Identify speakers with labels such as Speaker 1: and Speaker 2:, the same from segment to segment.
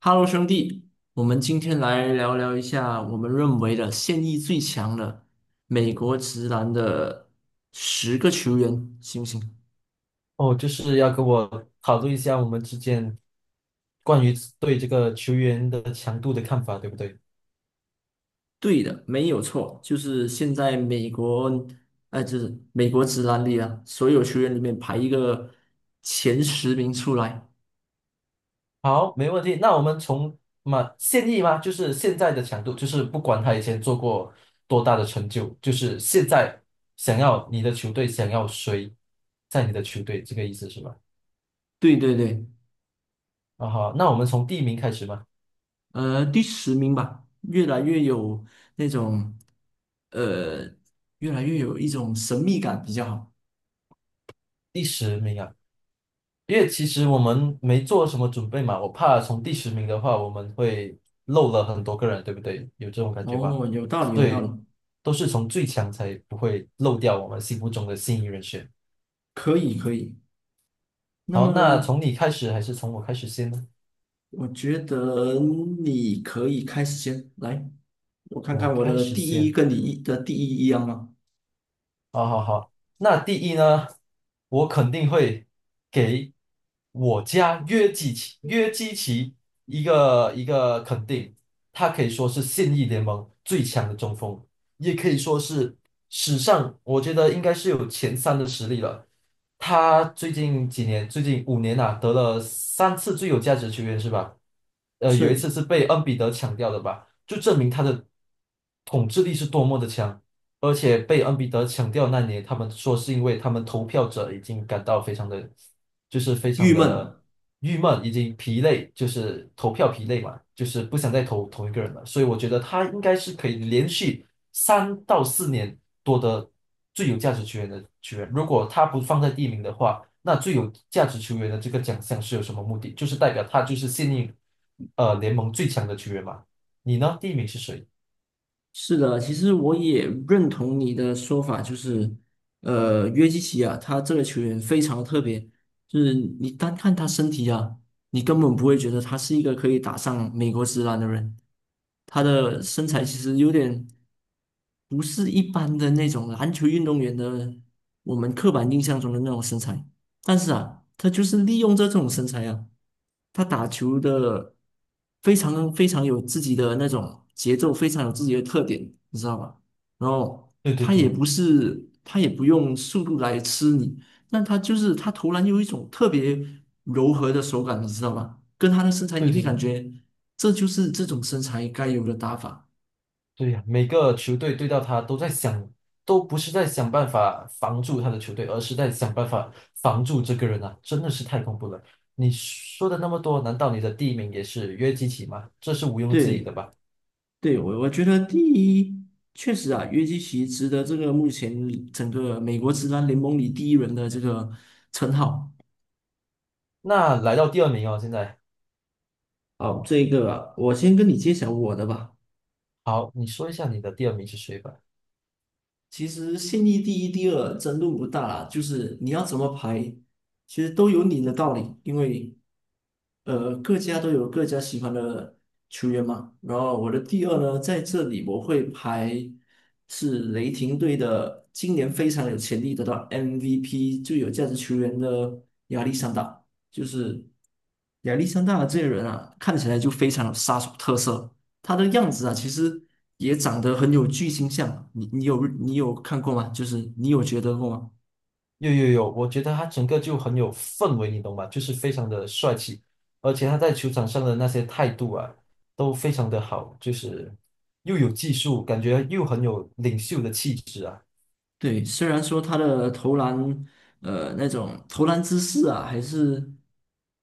Speaker 1: 哈喽，兄弟，我们今天来聊聊一下我们认为的现役最强的美国直男的10个球员，行不行？
Speaker 2: 哦，就是要跟我讨论一下我们之间关于对这个球员的强度的看法，对不对？
Speaker 1: 对的，没有错，就是现在美国，就是美国直男里啊，所有球员里面排一个前10名出来。
Speaker 2: 好，没问题。那我们嘛现役吗？就是现在的强度，就是不管他以前做过多大的成就，就是现在想要你的球队想要谁在你的球队，这个意思是吧？
Speaker 1: 对对对，
Speaker 2: 啊好，那我们从第一名开始吧，
Speaker 1: 第10名吧，越来越有那种，呃，越来越有一种神秘感比较好。
Speaker 2: 第十名啊。因为其实我们没做什么准备嘛，我怕从第十名的话，我们会漏了很多个人，对不对？有这种感觉吧？
Speaker 1: 哦，有道理，有
Speaker 2: 所
Speaker 1: 道理。
Speaker 2: 以都是从最强才不会漏掉我们心目中的心仪人选。
Speaker 1: 可以，可以。那
Speaker 2: 好，那
Speaker 1: 么，
Speaker 2: 从你开始还是从我开始先呢？
Speaker 1: 我觉得你可以开始先来，我看
Speaker 2: 我
Speaker 1: 看我
Speaker 2: 开
Speaker 1: 的
Speaker 2: 始
Speaker 1: 第一
Speaker 2: 先。
Speaker 1: 跟你的第一一样吗？
Speaker 2: 好好好，那第一呢，我肯定会给我家约基奇一个肯定，他可以说是现役联盟最强的中锋，也可以说是史上我觉得应该是有前三的实力了。他最近几年，最近5年呐，得了3次最有价值球员是吧？有一次
Speaker 1: 是
Speaker 2: 是被恩比德抢掉的吧，就证明他的统治力是多么的强。而且被恩比德抢掉那年，他们说是因为他们投票者已经感到非常的，就是非
Speaker 1: 郁
Speaker 2: 常的
Speaker 1: 闷。
Speaker 2: 郁闷，已经疲累，就是投票疲累嘛，就是不想再投同一个人了。所以我觉得他应该是可以连续3到4年夺得最有价值球员的球员。如果他不放在第一名的话，那最有价值球员的这个奖项是有什么目的？就是代表他就是现役联盟最强的球员嘛。你呢？第一名是谁？
Speaker 1: 是的，其实我也认同你的说法，就是，约基奇啊，他这个球员非常特别，就是你单看他身体啊，你根本不会觉得他是一个可以打上美国职篮的人。他的身材其实有点不是一般的那种篮球运动员的我们刻板印象中的那种身材，但是啊，他就是利用这种身材啊，他打球的非常非常有自己的那种节奏，非常有自己的特点，你知道吧？然后
Speaker 2: 对对
Speaker 1: 他也
Speaker 2: 对
Speaker 1: 不是，他也不用速度来吃你，但他就是他投篮有一种特别柔和的手感，你知道吧？跟他的身材，
Speaker 2: 对
Speaker 1: 你会
Speaker 2: 对
Speaker 1: 感
Speaker 2: 对。
Speaker 1: 觉这就是这种身材该有的打法。
Speaker 2: 对呀，每个球队对到他都在想，都不是在想办法防住他的球队，而是在想办法防住这个人啊，真的是太恐怖了。你说的那么多，难道你的第一名也是约基奇吗？这是毋庸置疑的
Speaker 1: 对。
Speaker 2: 吧？
Speaker 1: 对，我觉得第一，确实啊，约基奇值得这个目前整个美国职篮联盟里第一人的这个称号。
Speaker 2: 那来到第二名哦，现在
Speaker 1: 好，这个啊我先跟你揭晓我的吧。
Speaker 2: 好，你说一下你的第二名是谁吧。
Speaker 1: 其实现役第一、第二争论不大啦，就是你要怎么排，其实都有你的道理，因为各家都有各家喜欢的球员嘛。然后我的第二呢，在这里我会排是雷霆队的，今年非常有潜力得到 MVP 最有价值球员的亚历山大，就是亚历山大这个人啊，看起来就非常有杀手特色。他的样子啊，其实也长得很有巨星相。你有看过吗？就是你有觉得过吗？
Speaker 2: 有有有，我觉得他整个就很有氛围，你懂吗？就是非常的帅气，而且他在球场上的那些态度啊，都非常的好，就是又有技术，感觉又很有领袖的气质啊。
Speaker 1: 对，虽然说他的投篮，那种投篮姿势啊，还是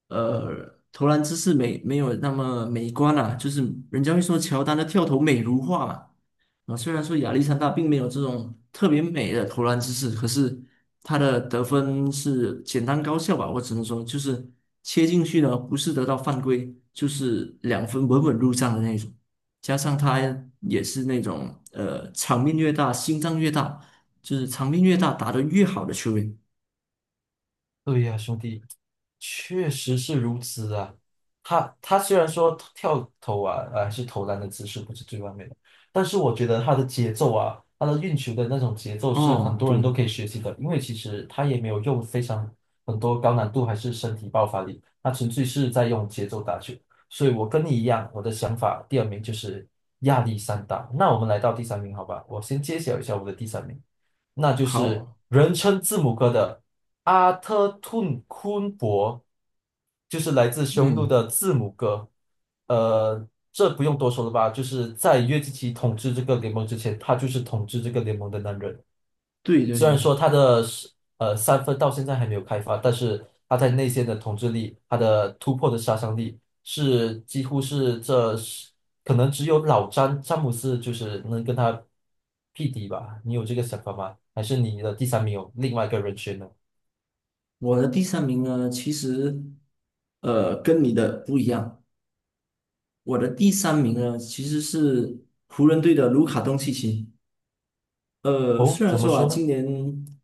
Speaker 1: 投篮姿势没有那么美观啊，就是人家会说乔丹的跳投美如画嘛。啊，虽然说亚历山大并没有这种特别美的投篮姿势，可是他的得分是简单高效吧，我只能说就是切进去呢，不是得到犯规，就是2分稳稳入账的那种。加上他也是那种场面越大，心脏越大，就是场面越大，打得越好的球员。
Speaker 2: 对呀，兄弟。确实是如此啊，他虽然说跳投啊，还是投篮的姿势不是最完美的，但是我觉得他的节奏啊，他的运球的那种节奏是很
Speaker 1: 哦，
Speaker 2: 多人
Speaker 1: 对，
Speaker 2: 都可以学习的，因为其实他也没有用非常很多高难度还是身体爆发力，他纯粹是在用节奏打球。所以我跟你一样，我的想法第二名就是亚历山大。那我们来到第三名，好吧？我先揭晓一下我的第三名。那就是
Speaker 1: 好，
Speaker 2: 人称字母哥的阿特吞昆博，就是来自匈奴
Speaker 1: 嗯，
Speaker 2: 的字母哥。这不用多说了吧？就是在约基奇统治这个联盟之前，他就是统治这个联盟的男人。
Speaker 1: 对对
Speaker 2: 虽然
Speaker 1: 对，
Speaker 2: 说他的是三分到现在还没有开发，但是他在内线的统治力，他的突破的杀伤力是几乎是这是可能只有詹姆斯就是能跟他匹敌吧？你有这个想法吗？还是你的第三名有另外一个人选呢？
Speaker 1: 我的第三名呢，其实跟你的不一样。我的第三名呢，其实是湖人队的卢卡东契奇。
Speaker 2: 哦，
Speaker 1: 虽然
Speaker 2: 怎么
Speaker 1: 说啊，
Speaker 2: 说呢？
Speaker 1: 今年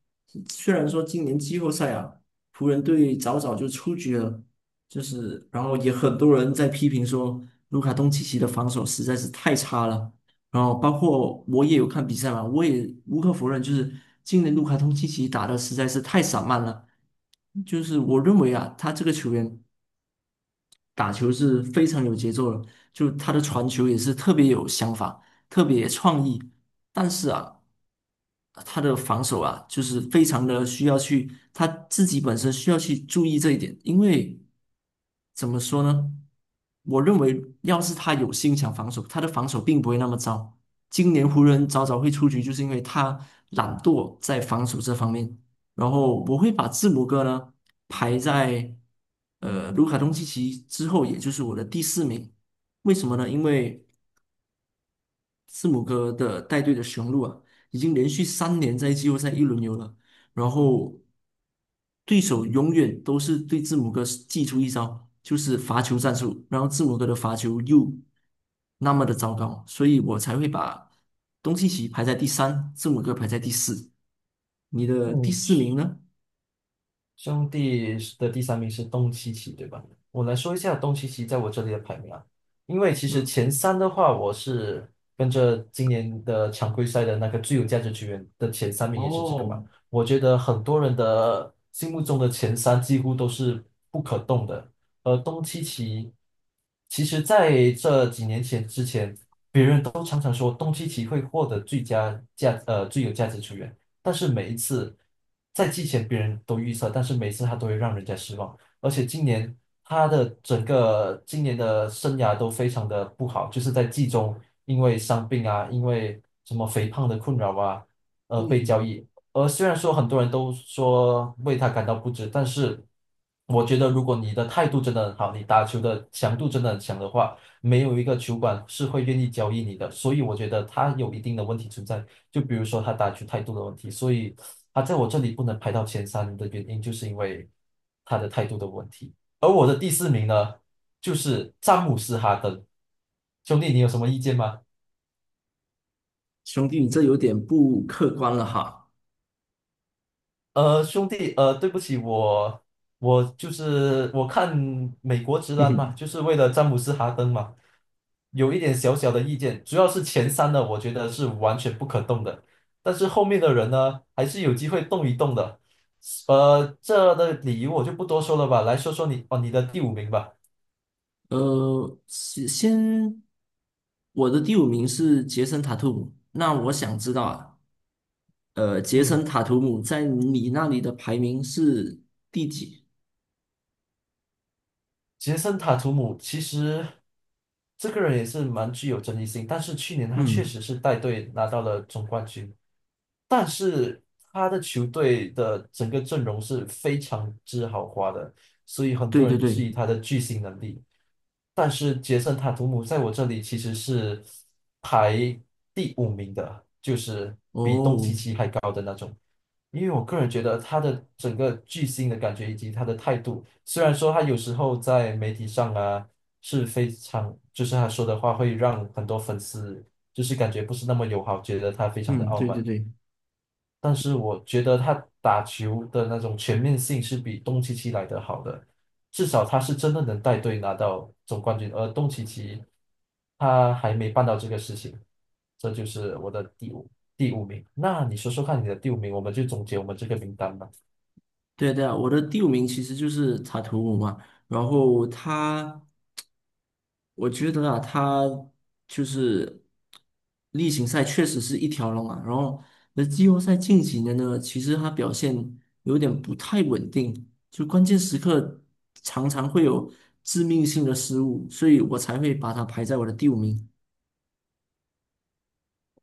Speaker 1: 虽然说今年季后赛啊，湖人队早早就出局了，就是然后也很多人在批评说卢卡东契奇的防守实在是太差了。然后包括我也有看比赛嘛，我也无可否认，就是今年卢卡东契奇打的实在是太散漫了。就是我认为啊，他这个球员。打球是非常有节奏的，就他的传球也是特别有想法，特别创意。但是啊，他的防守啊，就是非常的需要去，他自己本身需要去注意这一点，因为怎么说呢？我认为要是他有心想防守，他的防守并不会那么糟。今年湖人早早会出局，就是因为他懒惰在防守这方面。然后我会把字母哥呢排在卢卡东契奇之后，也就是我的第四名。为什么呢？因为字母哥的带队的雄鹿啊，已经连续3年在季后赛一轮游了，然后对手永远都是对字母哥祭出一招，就是罚球战术，然后字母哥的罚球又那么的糟糕，所以我才会把东契奇排在第三，字母哥排在第四。你的第
Speaker 2: 嗯。
Speaker 1: 四名呢？
Speaker 2: 兄弟的第三名是东契奇，对吧？我来说一下东契奇在我这里的排名啊，因为其实
Speaker 1: 嗯
Speaker 2: 前三的话，我是跟着今年的常规赛的那个最有价值球员的前三名也是这个嘛。
Speaker 1: 哦，
Speaker 2: 我觉得很多人的心目中的前三几乎都是不可动的，而东契奇其实在这几年前之前。都常常说东契奇会获得最有价值球员，但是每一次在季前别人都预测，但是每一次他都会让人家失望。而且今年他的整个今年的生涯都非常的不好，就是在季中因为伤病啊，因为什么肥胖的困扰啊，被交
Speaker 1: 嗯，
Speaker 2: 易。而虽然说很多人都说为他感到不值，但是我觉得如果你的态度真的很好，你打球的强度真的很强的话，没有一个球馆是会愿意交易你的，所以我觉得他有一定的问题存在，就比如说他打球态度的问题，所以他在我这里不能排到前三的原因，就是因为他的态度的问题。而我的第四名呢，就是詹姆斯·哈登，兄弟，你有什么意见吗？
Speaker 1: 兄弟，你这有点不客观了哈。
Speaker 2: 兄弟，对不起，我我就是我看美国直男嘛，就是为了詹姆斯哈登嘛，有一点小小的意见，主要是前三的，我觉得是完全不可动的，但是后面的人呢，还是有机会动一动的。呃，这的理由我就不多说了吧，来说说你哦，你的第五名吧。
Speaker 1: 呃，先先，我的第五名是杰森·塔图姆。那我想知道啊，杰
Speaker 2: 嗯，
Speaker 1: 森·塔图姆在你那里的排名是第几？
Speaker 2: 杰森塔图姆其实这个人也是蛮具有争议性，但是去年他确
Speaker 1: 嗯，
Speaker 2: 实是带队拿到了总冠军。但是他的球队的整个阵容是非常之豪华的，所以很
Speaker 1: 对
Speaker 2: 多
Speaker 1: 对
Speaker 2: 人质
Speaker 1: 对，
Speaker 2: 疑他的巨星能力。但是杰森·塔图姆在我这里其实是排第五名的，就是
Speaker 1: 哦，
Speaker 2: 因为我个人觉得他的整个巨星的感觉以及他的态度，虽然说他有时候在媒体上啊是非常，就是他说的话会让很多粉丝就是感觉不是那么友好，觉得他非常的
Speaker 1: 嗯，
Speaker 2: 傲
Speaker 1: 对对
Speaker 2: 慢。
Speaker 1: 对，
Speaker 2: 但是我觉得他打球的那种全面性是比东契奇来的好的，至少他是真的能带队拿到总冠军，而东契奇他还没办到这个事情，这就是我的第五名。那你说说看你的第五名，我们就总结我们这个名单吧。
Speaker 1: 对啊对啊，我的第五名其实就是塔图姆嘛。然后他我觉得啊，他就是例行赛确实是一条龙啊，然后那季后赛近几年呢，其实他表现有点不太稳定，就关键时刻常常会有致命性的失误，所以我才会把他排在我的第五名。